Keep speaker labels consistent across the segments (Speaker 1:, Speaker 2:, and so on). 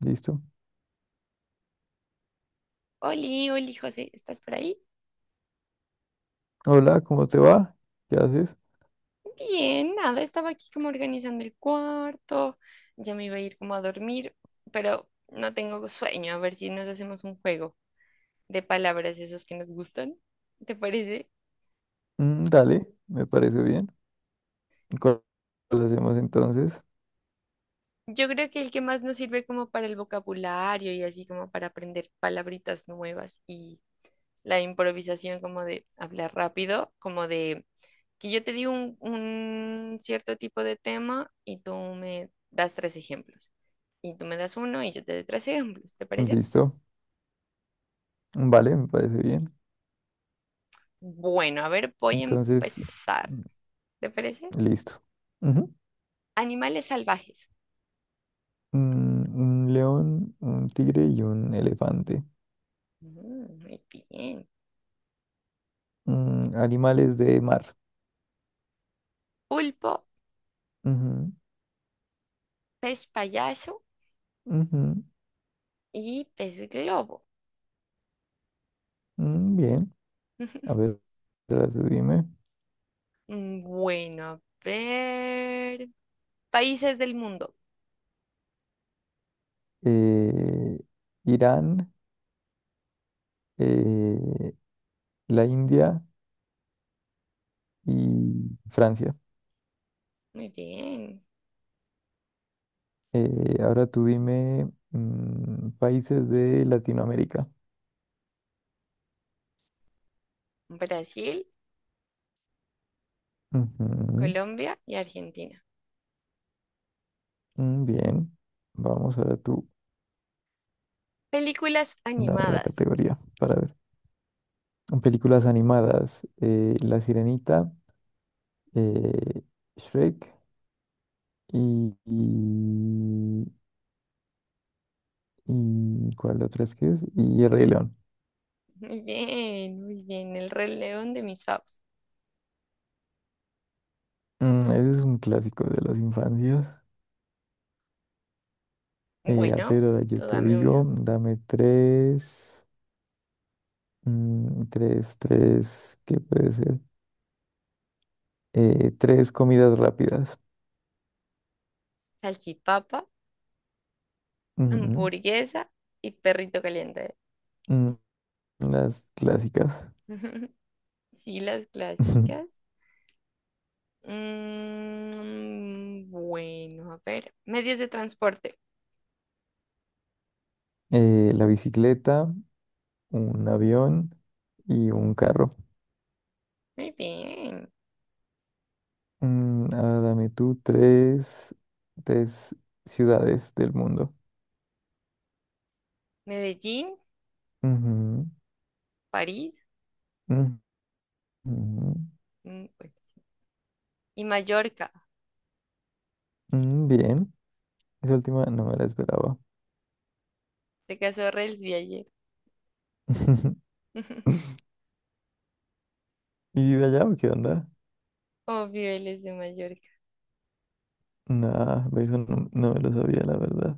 Speaker 1: Listo.
Speaker 2: Oli, Oli, José, ¿estás por ahí?
Speaker 1: Hola, ¿cómo te va? ¿Qué haces?
Speaker 2: Bien, nada, estaba aquí como organizando el cuarto, ya me iba a ir como a dormir, pero no tengo sueño, a ver si nos hacemos un juego de palabras esos que nos gustan, ¿te parece?
Speaker 1: Dale, me parece bien. ¿Cuál ¿Cuál hacemos entonces?
Speaker 2: Yo creo que el que más nos sirve como para el vocabulario y así como para aprender palabritas nuevas y la improvisación como de hablar rápido, como de que yo te digo un cierto tipo de tema y tú me das tres ejemplos. Y tú me das uno y yo te doy tres ejemplos, ¿te parece?
Speaker 1: Listo. Vale, me parece bien.
Speaker 2: Bueno, a ver, voy a
Speaker 1: Entonces,
Speaker 2: empezar,
Speaker 1: mm,
Speaker 2: ¿te parece?
Speaker 1: listo. Ujú.
Speaker 2: Animales salvajes.
Speaker 1: Un león, un tigre y un elefante.
Speaker 2: Mm, muy bien.
Speaker 1: Animales de mar.
Speaker 2: Pulpo, pez payaso
Speaker 1: Ujú, ujú,
Speaker 2: y pez globo.
Speaker 1: mm, bien. A ver, ahora tú dime.
Speaker 2: Bueno, a ver. Países del mundo.
Speaker 1: Eh, Irán, eh, la India y Francia.
Speaker 2: Muy bien.
Speaker 1: Ahora tú dime, países de Latinoamérica.
Speaker 2: Brasil,
Speaker 1: Ujú,
Speaker 2: Colombia y Argentina.
Speaker 1: mm, bien. Vamos, ahora tú
Speaker 2: Películas
Speaker 1: dame la
Speaker 2: animadas.
Speaker 1: categoría para ver. Películas animadas. La Sirenita, eh, Shrek y, y, ¿cuál otra es que es? Y El Rey León.
Speaker 2: Muy bien, muy bien. El Rey León de mis faves.
Speaker 1: Ese es un clásico de las infancias. A
Speaker 2: Bueno,
Speaker 1: ver, ahora yo
Speaker 2: tú
Speaker 1: te
Speaker 2: dame
Speaker 1: digo,
Speaker 2: una.
Speaker 1: dame tres, tres, ¿qué puede ser? Tres comidas rápidas.
Speaker 2: Salchipapa,
Speaker 1: Ujú.
Speaker 2: hamburguesa y perrito caliente.
Speaker 1: Mm, Las clásicas.
Speaker 2: Sí, las
Speaker 1: Ujú.
Speaker 2: clásicas. Bueno, a ver. Medios de transporte.
Speaker 1: La bicicleta, un avión y un carro.
Speaker 2: Muy bien.
Speaker 1: Dame tú tres, tres ciudades del mundo.
Speaker 2: Medellín,
Speaker 1: Ujú,
Speaker 2: París,
Speaker 1: ujú, ujú.
Speaker 2: mm, bueno, sí, y Mallorca.
Speaker 1: Bien, esa última no me la esperaba.
Speaker 2: Se casó Rels de ayer.
Speaker 1: ¿Y vive allá o qué onda?
Speaker 2: Obvio, él es de Mallorca.
Speaker 1: Nah, eso no, no me lo sabía, la verdad.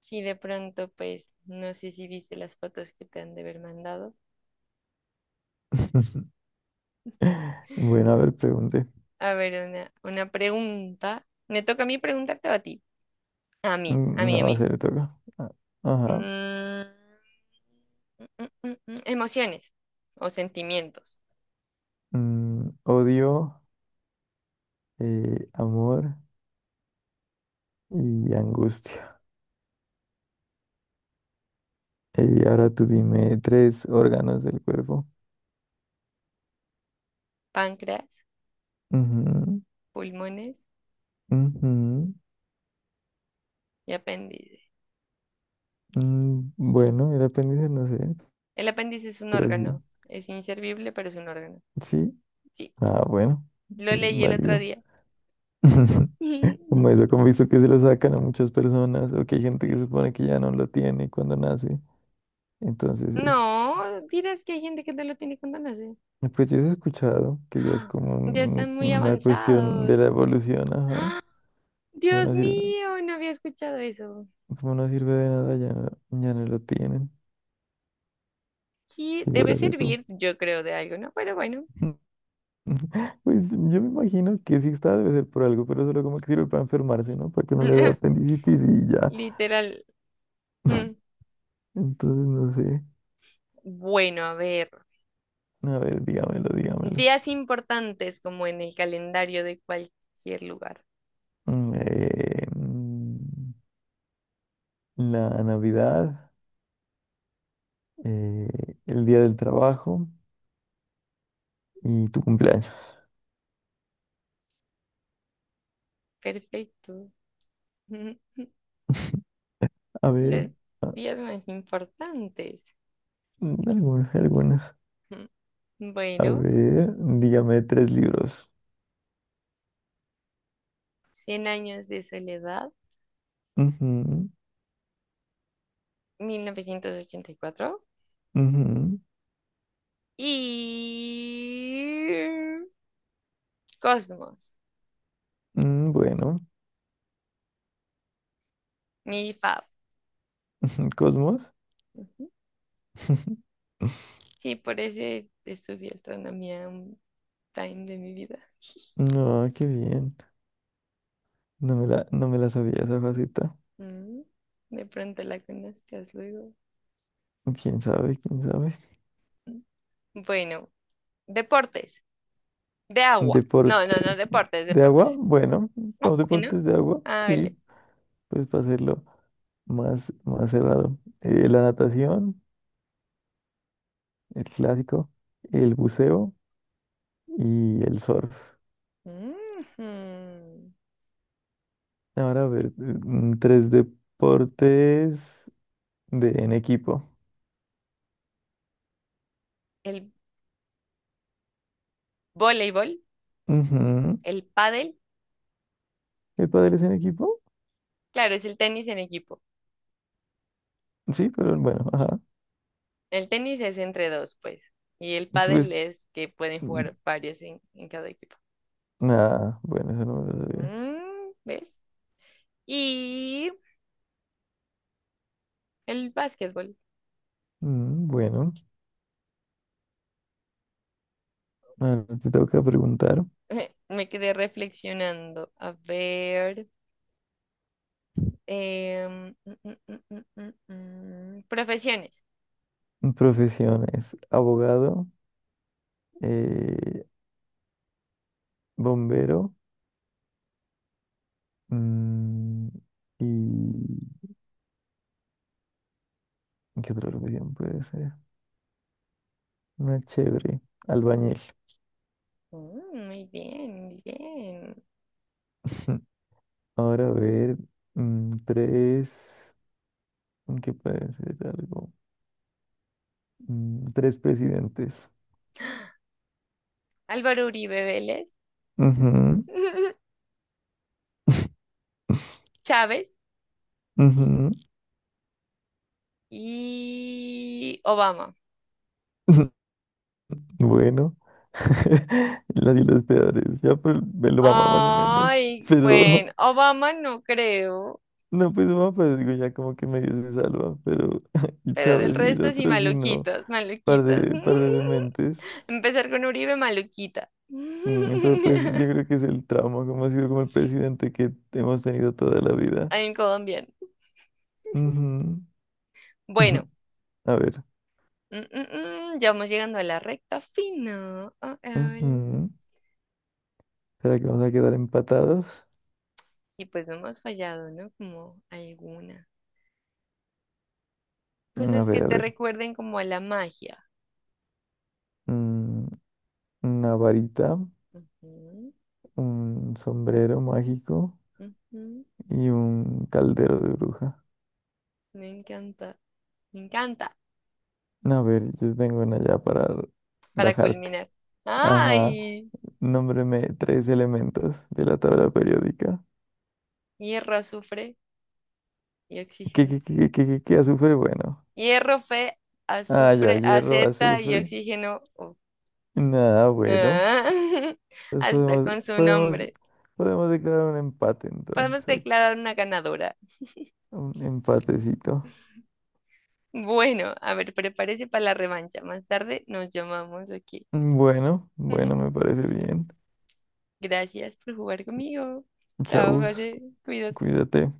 Speaker 2: Sí, de pronto, pues, no sé si viste las fotos que te han de haber mandado.
Speaker 1: Bueno, a ver, pregunte.
Speaker 2: A ver, una pregunta. Me toca a mí preguntarte o a ti. A mí, a mí, a
Speaker 1: No,
Speaker 2: mí.
Speaker 1: se le toca. Ah, ajá.
Speaker 2: Mm, mm, Emociones o sentimientos.
Speaker 1: Odio, amor y angustia. Y ahora tú dime tres órganos del cuerpo.
Speaker 2: Páncreas,
Speaker 1: Ujú,
Speaker 2: pulmones
Speaker 1: ujú,
Speaker 2: y apéndice.
Speaker 1: mm, bueno, el apéndice no sé,
Speaker 2: El apéndice es un
Speaker 1: pero sí.
Speaker 2: órgano. Es inservible, pero es un órgano.
Speaker 1: Sí.
Speaker 2: Sí,
Speaker 1: Ah, bueno,
Speaker 2: lo
Speaker 1: es
Speaker 2: leí el otro
Speaker 1: válido.
Speaker 2: día.
Speaker 1: Como eso, como he visto que se lo sacan a muchas personas o que hay gente que supone que ya no lo tiene cuando nace. Entonces eso.
Speaker 2: No, dirás que hay gente que no lo tiene cuando nace.
Speaker 1: Pues yo sí he escuchado que ya es
Speaker 2: ¡Ah!
Speaker 1: como
Speaker 2: Ya
Speaker 1: un-
Speaker 2: están muy
Speaker 1: una cuestión de la
Speaker 2: avanzados.
Speaker 1: evolución, ajá.
Speaker 2: ¡Ah!
Speaker 1: Como
Speaker 2: Dios
Speaker 1: no sirve,
Speaker 2: mío, no había escuchado eso.
Speaker 1: como no sirve de nada, ya, no- ya no lo tienen.
Speaker 2: Sí, debe
Speaker 1: Figúrate tú.
Speaker 2: servir, yo creo, de algo, ¿no? Pero bueno,
Speaker 1: Pues yo me imagino que sí está, debe ser por algo, pero solo como que sirve para enfermarse, ¿no? Para que no le dé apendicitis y ya.
Speaker 2: literal. Mm.
Speaker 1: Entonces no sé.
Speaker 2: Bueno, a ver,
Speaker 1: A ver, dígamelo, dígamelo.
Speaker 2: días importantes como en el calendario de cualquier lugar.
Speaker 1: Mm, eh, mm, la Navidad, eh, el Día del Trabajo y tu cumpleaños.
Speaker 2: Perfecto.
Speaker 1: A ver.
Speaker 2: Los días más importantes.
Speaker 1: Algunas, algunas. A
Speaker 2: Bueno,
Speaker 1: ver, dígame tres libros.
Speaker 2: Cien años de soledad,
Speaker 1: Ujú,
Speaker 2: 1984
Speaker 1: ujú.
Speaker 2: y Cosmos,
Speaker 1: Bueno,
Speaker 2: mi fab.
Speaker 1: Cosmos.
Speaker 2: Ujú. Sí, por ese estudié astronomía un time de mi vida.
Speaker 1: No, qué bien. No me la sabía esa faceta.
Speaker 2: Mm, De pronto la conozcas luego.
Speaker 1: ¿Quién sabe? ¿Quién sabe?
Speaker 2: Mm. Bueno. Deportes. De agua. No, no, no,
Speaker 1: Deportes
Speaker 2: deportes,
Speaker 1: de agua.
Speaker 2: deportes.
Speaker 1: Bueno, no,
Speaker 2: Oh, bueno,
Speaker 1: deportes de agua.
Speaker 2: hágale.
Speaker 1: Sí, pues para hacerlo más cerrado. La natación, el clásico, el buceo y el surf.
Speaker 2: Ujú.
Speaker 1: Ahora a ver, tres deportes de en equipo.
Speaker 2: El voleibol,
Speaker 1: Ujú.
Speaker 2: el pádel,
Speaker 1: ¿El pádel es en equipo?
Speaker 2: claro, es el tenis en equipo.
Speaker 1: Sí, pero bueno, ajá.
Speaker 2: El tenis es entre dos, pues. Y el pádel
Speaker 1: Entonces,
Speaker 2: es que pueden
Speaker 1: mm,
Speaker 2: jugar varios en cada equipo.
Speaker 1: bueno, eso no me lo sabía.
Speaker 2: Mm, ¿ves? Y el básquetbol.
Speaker 1: Bueno, ahora te toca preguntar.
Speaker 2: Me quedé reflexionando. A ver. em, mm, mm, mm, mm, mm, Profesiones.
Speaker 1: Profesiones, abogado, eh, bombero, mm, y ¿qué otra profesión puede ser? Una chévere, albañil.
Speaker 2: Mm, muy bien, muy bien.
Speaker 1: Ahora a ver, tres. Que puede ser algo. Tres presidentes.
Speaker 2: Álvaro Uribe Vélez,
Speaker 1: Ujú,
Speaker 2: Chávez
Speaker 1: ujú.
Speaker 2: y Obama.
Speaker 1: Bueno, las y los peores, ya pues me lo mama más o menos,
Speaker 2: Ay,
Speaker 1: pero
Speaker 2: bueno, Obama no creo,
Speaker 1: no, pues mamá, pues digo, ya como que medio se salva, pero
Speaker 2: pero
Speaker 1: sabes,
Speaker 2: del
Speaker 1: y el
Speaker 2: resto sí,
Speaker 1: otro sí no,
Speaker 2: maluquitas, maluquitas.
Speaker 1: par de dementes.
Speaker 2: Empezar con Uribe, maluquita.
Speaker 1: Pero pues yo creo que es el trauma, como ha sido como el presidente que hemos tenido toda la vida.
Speaker 2: En Colombia.
Speaker 1: Ujú.
Speaker 2: Bueno,
Speaker 1: A ver,
Speaker 2: ya vamos llegando a la recta final.
Speaker 1: ujú. ¿Será que vamos a quedar empatados?
Speaker 2: Y pues no hemos fallado, ¿no? Como alguna.
Speaker 1: A
Speaker 2: Cosas que
Speaker 1: ver, a
Speaker 2: te
Speaker 1: ver,
Speaker 2: recuerden como a la magia.
Speaker 1: mm, una varita,
Speaker 2: Ujú,
Speaker 1: un sombrero mágico
Speaker 2: ujú.
Speaker 1: y un caldero de bruja.
Speaker 2: Me encanta, me encanta.
Speaker 1: No, a ver, yo tengo una ya para
Speaker 2: Para
Speaker 1: rajarte.
Speaker 2: culminar.
Speaker 1: Ajá.
Speaker 2: ¡Ay!
Speaker 1: Nómbreme tres elementos de la tabla periódica.
Speaker 2: Hierro, azufre y
Speaker 1: ¿Qué,
Speaker 2: oxígeno.
Speaker 1: qué, qué, qué, qué, qué, qué? ¿Azufre? Bueno.
Speaker 2: Hierro, fe,
Speaker 1: Ah, ya,
Speaker 2: azufre,
Speaker 1: hierro,
Speaker 2: aceta y
Speaker 1: azufre.
Speaker 2: oxígeno. Oh.
Speaker 1: Nada, bueno.
Speaker 2: Ah,
Speaker 1: Entonces
Speaker 2: hasta con su nombre.
Speaker 1: podemos declarar un empate
Speaker 2: Podemos
Speaker 1: entonces aquí.
Speaker 2: declarar una ganadora.
Speaker 1: Un empatecito.
Speaker 2: Bueno, a ver, prepárese para la revancha. Más tarde nos llamamos aquí.
Speaker 1: Bueno, bueno, me parece bien.
Speaker 2: Gracias por jugar conmigo. Chao,
Speaker 1: Chau.
Speaker 2: José. Cuídate.
Speaker 1: Cuídate.